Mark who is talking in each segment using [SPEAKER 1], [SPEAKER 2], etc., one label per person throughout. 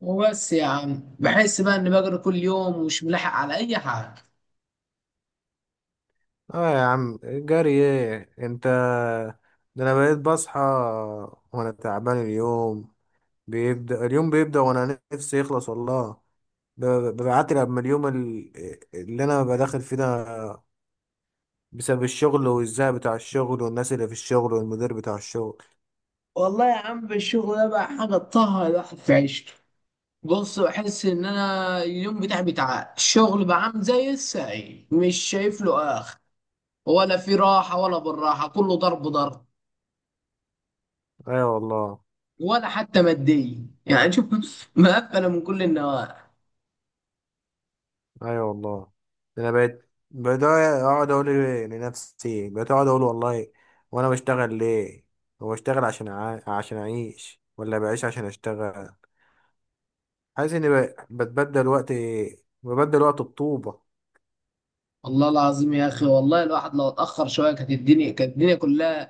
[SPEAKER 1] وبس يا عم بحس بقى اني بجري كل يوم ومش ملاحق على اي حاجه.
[SPEAKER 2] اه يا عم، جري ايه انت؟ ده انا بقيت بصحى وانا تعبان. اليوم بيبدأ وانا نفسي يخلص والله. ب- ببعتلي قبل ما اليوم اللي انا ببقى داخل فيه ده، بسبب الشغل والزهق بتاع الشغل والناس اللي في الشغل والمدير بتاع الشغل.
[SPEAKER 1] والله يا عم الشغل ده بقى حاجه تطهر الواحد في عيشته. بص، بحس ان انا اليوم بتاعي بتاع الشغل بقى عامل زي السعي، مش شايف له اخر. ولا في راحه ولا بالراحه، كله ضرب ضرب.
[SPEAKER 2] ايوه والله.
[SPEAKER 1] ولا حتى ماديه، يعني شوف مقفله من كل النواحي.
[SPEAKER 2] ايوه والله، ده انا بقيت اقعد اقول إيه لنفسي، بقيت اقعد اقول والله، وانا بشتغل ليه؟ هو بشتغل عشان عشان اعيش، ولا بعيش عشان اشتغل؟ عايز اني بتبدل وقت، ببدل وقت بطوبة.
[SPEAKER 1] والله العظيم يا اخي، والله الواحد لو اتاخر شويه كانت الدنيا كلها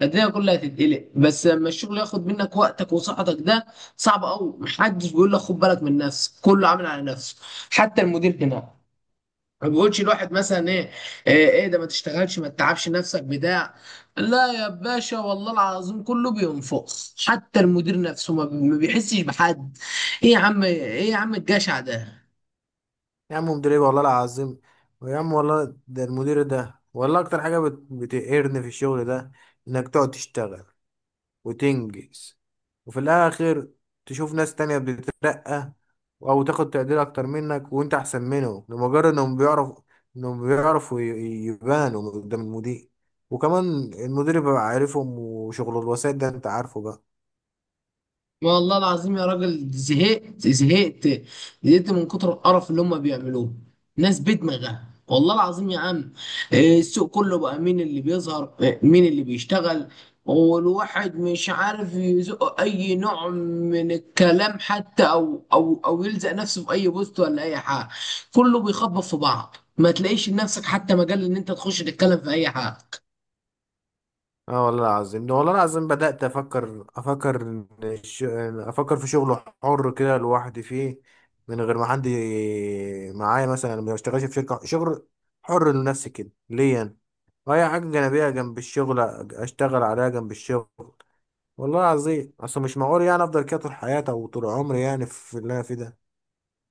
[SPEAKER 1] كانت الدنيا كلها هتتقلق. بس لما الشغل ياخد منك وقتك وصحتك ده صعب قوي. محدش بيقول لك خد بالك من نفسك، كله عامل على نفسه. حتى المدير هنا ما بيقولش الواحد مثلا ايه، إيه ده، ما تشتغلش، ما تتعبش نفسك بتاع. لا يا باشا، والله العظيم كله بينفخ، حتى المدير نفسه ما بيحسش بحد. ايه يا عم، ايه يا عم الجشع ده.
[SPEAKER 2] يا عم مدير ايه والله العظيم. ويا عم والله ده المدير ده والله اكتر حاجة بتقهرني في الشغل ده، انك تقعد تشتغل وتنجز، وفي الاخر تشوف ناس تانية بتترقى او تاخد تقدير اكتر منك، وانت احسن منهم، لمجرد انهم انهم بيعرفوا يبانوا قدام المدير. وكمان المدير بيبقى عارفهم، وشغل الوسائط ده انت عارفه بقى.
[SPEAKER 1] والله العظيم يا راجل، زهقت، زهقت من كتر القرف اللي هم بيعملوه. ناس بدماغها والله العظيم يا عم. إيه، السوق كله بقى مين اللي بيظهر، إيه، مين اللي بيشتغل. والواحد مش عارف يزق اي نوع من الكلام، حتى او يلزق نفسه في اي بوست ولا اي حاجه. كله بيخبط في بعض، ما تلاقيش لنفسك حتى مجال ان انت تخش تتكلم في اي حاجه.
[SPEAKER 2] اه والله العظيم، ده والله العظيم بدأت أفكر إن أفكر في شغل حر كده لوحدي فيه، من غير ما حد معايا، مثلا ما بشتغلش في شركة. شغل حر لنفسي كده ليا أنا، وأي حاجة جانبية جنب الشغل أشتغل عليها جنب الشغل. والله العظيم أصل مش معقول يعني أفضل كده طول حياتي أو طول عمري يعني في اللي أنا فيه ده.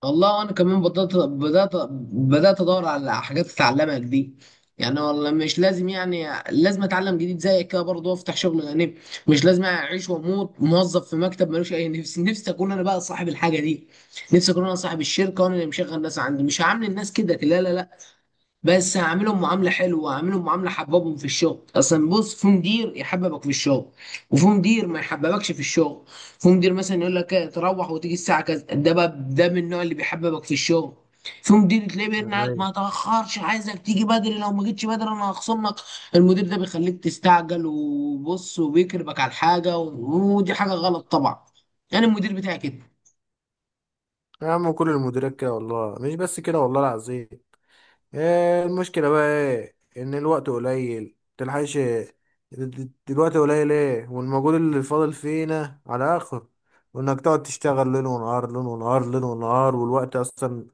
[SPEAKER 1] والله انا كمان بدات بدات ادور على حاجات اتعلمها جديد. يعني والله مش لازم، يعني لازم اتعلم جديد زيك كده برضه وافتح شغل يعني. مش لازم اعيش واموت موظف في مكتب ملوش اي نفسي، نفسي اكون انا بقى صاحب الحاجه دي. نفسي اكون انا صاحب الشركه وانا اللي مشغل الناس عندي. مش هعامل الناس كده، لا لا لا. بس هعملهم معامله حلوه، هعملهم معامله حببهم في الشغل اصلا. بص، في مدير يحببك في الشغل، وفي مدير ما يحببكش في الشغل. في مدير مثلا يقول لك إيه، تروح وتيجي الساعه كذا، ده بقى ده من النوع اللي بيحببك في الشغل. في مدير تلاقيه بيرن عليك
[SPEAKER 2] أيوة.
[SPEAKER 1] ما تاخرش، عايزك تيجي بدري، لو ما جيتش بدري انا هخصم لك. المدير ده بيخليك تستعجل وبص وبيكربك على الحاجه، ودي حاجه غلط طبعا. انا المدير بتاعي كده.
[SPEAKER 2] يا عم كل المديرات كده والله، مش بس كده والله العظيم. آه، المشكلة بقى ايه، ان الوقت قليل متلحقش. الوقت قليل ايه، والمجهود اللي فاضل فينا على اخر، وانك تقعد تشتغل ليل ونهار، ليل ونهار، ليل ونهار، والوقت اصلا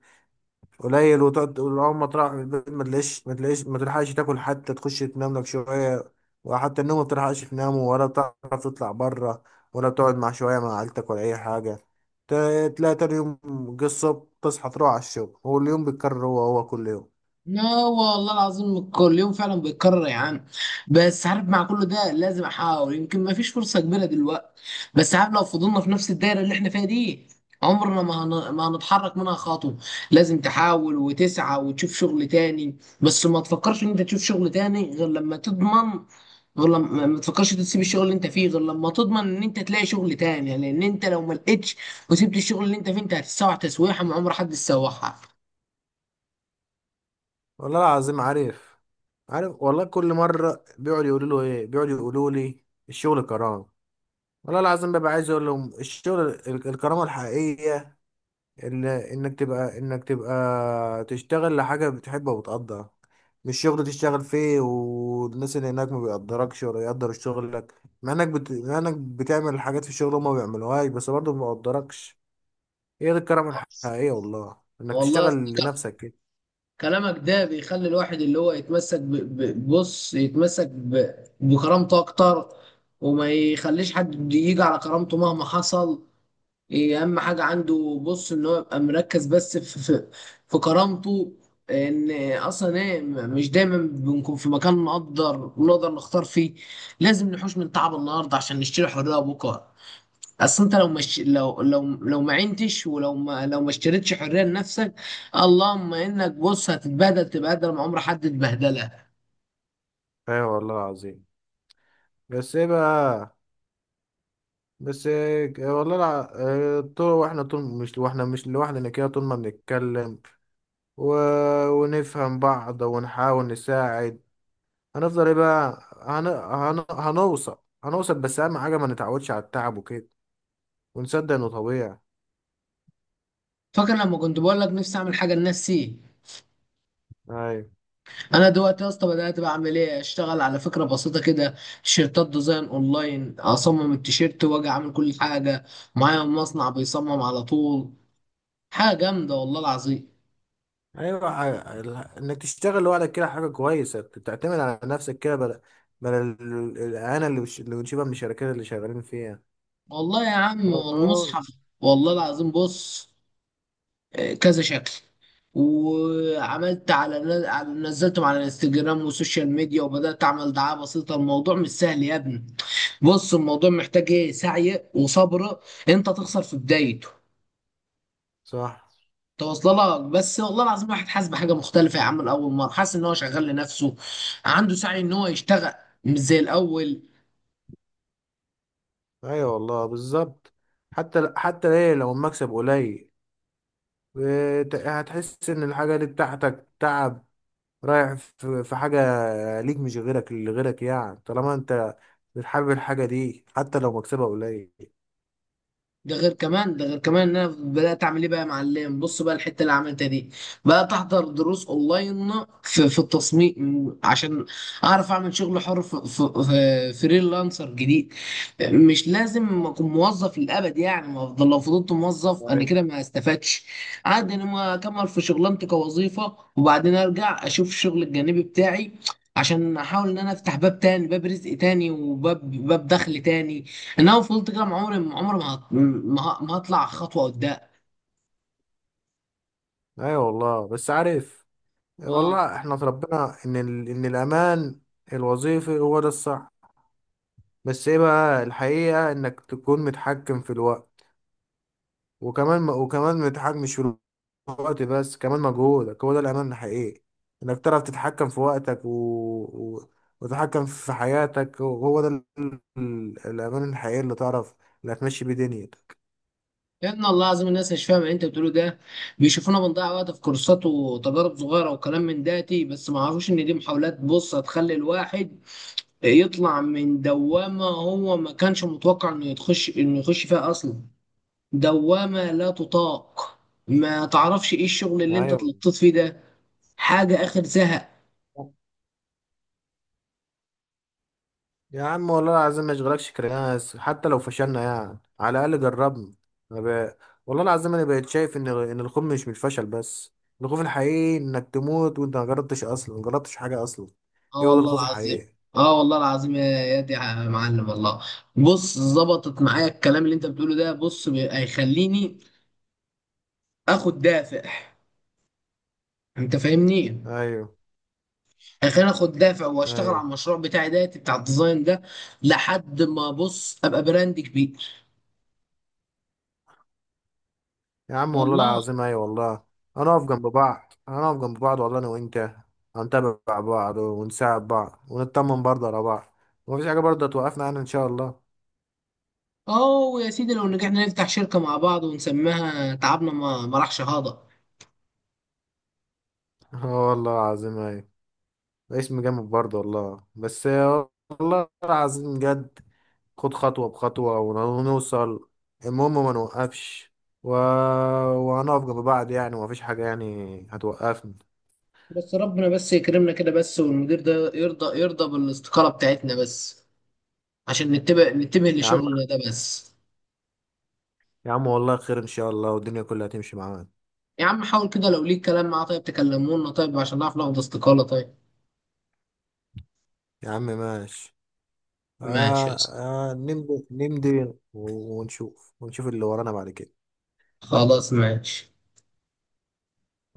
[SPEAKER 2] قليل. وتقعد تقول اول ما تروح من البيت، ما تلاقيش، ما تلحقش تاكل، حتى تخش تنام لك شوية وحتى النوم ما بتلحقش تنام، ولا بتعرف تطلع بره، ولا بتقعد مع شوية مع عيلتك، ولا اي حاجة. تلاقي تاني يوم جه الصبح، تصحى تروح على الشغل، واليوم بيتكرر هو هو كل يوم.
[SPEAKER 1] لا والله العظيم كل يوم فعلا بيتكرر يا عم. بس عارف، مع كل ده لازم احاول. يمكن ما فيش فرصه كبيره دلوقتي، بس عارف لو فضلنا في نفس الدايره اللي احنا فيها دي عمرنا ما هن... ما هنتحرك منها خطوه. لازم تحاول وتسعى وتشوف شغل تاني، بس ما تفكرش ان انت تشوف شغل تاني غير لما تضمن. غير لما ما تفكرش تسيب الشغل اللي انت فيه غير لما تضمن ان انت تلاقي شغل تاني، لان انت لو ما لقيتش وسبت الشغل اللي انت فيه انت هتتسوح تسويحه ما عمر حد يسوحها.
[SPEAKER 2] والله العظيم عارف، عارف والله. كل مرة بيقعدوا يقولوا له ايه، بيقعدوا يقولوا لي الشغل كرامة. والله العظيم ببقى عايز اقول لهم الشغل الكرامة الحقيقية اللي انك تبقى تشتغل لحاجة بتحبها وبتقدرها، مش شغل تشتغل فيه والناس اللي هناك ما بيقدركش ولا يقدر شغلك، مع انك بتعمل حاجات في الشغل هما ما بيعملوهاش، بس برضه ما بيقدركش. هي دي الكرامة الحقيقية والله، انك
[SPEAKER 1] والله
[SPEAKER 2] تشتغل لنفسك كده.
[SPEAKER 1] كلامك ده بيخلي الواحد اللي هو يتمسك بص، يتمسك بكرامته اكتر، وما يخليش حد يجي على كرامته مهما حصل. إيه اهم حاجة عنده، بص، ان هو يبقى مركز بس في كرامته. ان اصلا ايه، مش دايما بنكون في مكان نقدر، نختار فيه. لازم نحوش من تعب النهارده عشان نشتري حرية بكره. اصل انت لو مش، لو ما عينتش، ولو ما لو ما اشتريتش حريه لنفسك، اللهم انك بص هتتبهدل تبهدل ما عمر حد اتبهدلها.
[SPEAKER 2] ايوه والله العظيم. بس ايه بقى؟ بس آه، والله لا. آه، طول واحنا طول مش واحنا مش لوحدنا كده، طول ما بنتكلم و... ونفهم بعض ونحاول نساعد، هنفضل ايه بقى؟ هنوصل، هنوصل، بس اهم حاجة ما نتعودش على التعب وكده، ونصدق انه طبيعي.
[SPEAKER 1] فاكر لما كنت بقول لك نفسي اعمل حاجه لنفسي؟
[SPEAKER 2] ايوه.
[SPEAKER 1] انا دلوقتي يا اسطى بدات بعمل ايه، اشتغل على فكره بسيطه كده، تيشيرتات ديزاين اونلاين، اصمم التيشيرت واجي اعمل كل حاجه. معايا مصنع بيصمم على طول، حاجه جامده والله العظيم.
[SPEAKER 2] ايوه انك تشتغل لوحدك كده حاجة كويسة، تعتمد على نفسك كده، بدل الاهانة اللي بنشوفها من الشركات اللي شغالين فيها.
[SPEAKER 1] والله يا عم
[SPEAKER 2] آه،
[SPEAKER 1] والمصحف، والله العظيم. بص، آه، كذا شكل، وعملت على نزلتهم على الانستجرام والسوشيال ميديا، وبدأت أعمل دعاية بسيطة. الموضوع مش سهل يا ابني. بص، الموضوع محتاج ايه، سعي وصبر. انت تخسر في بدايته
[SPEAKER 2] صح.
[SPEAKER 1] توصل لك، بس والله العظيم واحد حاسس بحاجة مختلفة يا عم. الأول مرة حاسس إن هو شغال لنفسه، عنده سعي إن هو يشتغل، مش زي الأول.
[SPEAKER 2] ايوه والله بالظبط. حتى حتى ايه لو المكسب قليل، هتحس ان الحاجه دي بتاعتك، تعب رايح في في حاجه ليك، مش غيرك، اللي غيرك يعني، طالما انت بتحب الحاجه دي حتى لو مكسبها قليل.
[SPEAKER 1] ده غير كمان، ده غير كمان ان انا بدات اعمل ايه بقى يا معلم. بص بقى، الحته اللي عملتها دي، بقى احضر دروس اونلاين في في التصميم عشان اعرف اعمل شغل حر في فريلانسر جديد. مش لازم اكون موظف للابد يعني. ما افضل، لو فضلت موظف انا
[SPEAKER 2] أيوة.
[SPEAKER 1] كده ما استفدتش. عادي انا ما اكمل في شغلانتي كوظيفه وبعدين ارجع اشوف الشغل الجانبي بتاعي، عشان احاول ان انا افتح باب تاني، باب رزق تاني، باب دخل تاني. ان انا فضلت كده، مع عمري، عمري ما هط- ما ما هطلع خطوه قدام.
[SPEAKER 2] ايوه والله، بس عارف،
[SPEAKER 1] اه،
[SPEAKER 2] والله احنا اتربينا ان ان الامان الوظيفي هو ده الصح، بس ايه بقى، الحقيقه انك تكون متحكم في الوقت. وكمان، ما تتحكمش في الوقت بس، كمان مجهودك، هو ده الأمان الحقيقي. إنك تعرف تتحكم في وقتك و... وتتحكم في حياتك، هو ده الأمان الحقيقي اللي تعرف اللي هتمشي بيه دنيتك.
[SPEAKER 1] يا ابن الله العظيم الناس مش فاهمه اللي انت بتقوله ده. بيشوفونا بنضيع وقت في كورسات وتجارب صغيره وكلام من داتي، بس ما عرفوش ان دي محاولات بص هتخلي الواحد يطلع من دوامه هو ما كانش متوقع انه يخش، فيها اصلا. دوامه لا تطاق، ما تعرفش ايه الشغل اللي انت
[SPEAKER 2] أيوة.
[SPEAKER 1] اتلطيت فيه ده، حاجه اخر زهق.
[SPEAKER 2] يا عم والله العظيم ما يشغلكش كرياس، حتى لو فشلنا يعني على الأقل جربنا. أنا ب... والله العظيم أنا بقيت شايف إن الخوف مش من الفشل بس، الخوف الحقيقي إنك تموت وأنت ما جربتش أصلا، ما جربتش حاجة أصلا.
[SPEAKER 1] اه
[SPEAKER 2] إيه، هو ده
[SPEAKER 1] والله
[SPEAKER 2] الخوف
[SPEAKER 1] العظيم.
[SPEAKER 2] الحقيقي.
[SPEAKER 1] اه والله العظيم، يا دي يا معلم، والله بص ظبطت معايا الكلام اللي انت بتقوله ده. بص هيخليني اخد دافع. انت فاهمني؟
[SPEAKER 2] أيوة.
[SPEAKER 1] هيخليني اخد دافع واشتغل على
[SPEAKER 2] ايوه
[SPEAKER 1] المشروع بتاعي ده بتاع الديزاين ده، لحد ما بص ابقى براند كبير.
[SPEAKER 2] يا عم والله
[SPEAKER 1] والله
[SPEAKER 2] العظيم، ايوه والله. هنقف جنب بعض، والله انا وانت هنتابع بعض ونساعد بعض، ونطمن برضه على بعض، ومفيش حاجه برضه هتوقفنا عنها ان شاء الله.
[SPEAKER 1] اه يا سيدي، لو نجحنا نفتح شركة مع بعض ونسميها تعبنا ما راحش هذا.
[SPEAKER 2] اه والله العظيم، ايوه. اسم جامد برضه والله. بس والله العظيم جد، خد خطوه بخطوه ونوصل، المهم ما نوقفش. و... وهنقف جنب بعض يعني، ومفيش حاجه يعني هتوقفنا.
[SPEAKER 1] بس ربنا بس يكرمنا كده بس، والمدير ده يرضى، يرضى بالاستقالة بتاعتنا بس، عشان نتبه، نتبه
[SPEAKER 2] يا عم،
[SPEAKER 1] لشغل ده بس.
[SPEAKER 2] يا عم والله خير ان شاء الله، والدنيا كلها هتمشي معانا.
[SPEAKER 1] يا عم حاول كده، لو ليك كلام معاه طيب تكلمونا طيب، عشان نعرف ناخد استقالة طيب.
[SPEAKER 2] يا عم ماشي.
[SPEAKER 1] ماشي
[SPEAKER 2] آه،
[SPEAKER 1] يا اسطى.
[SPEAKER 2] آه، نمضي ونشوف، ونشوف اللي ورانا بعد كده.
[SPEAKER 1] خلاص ماشي.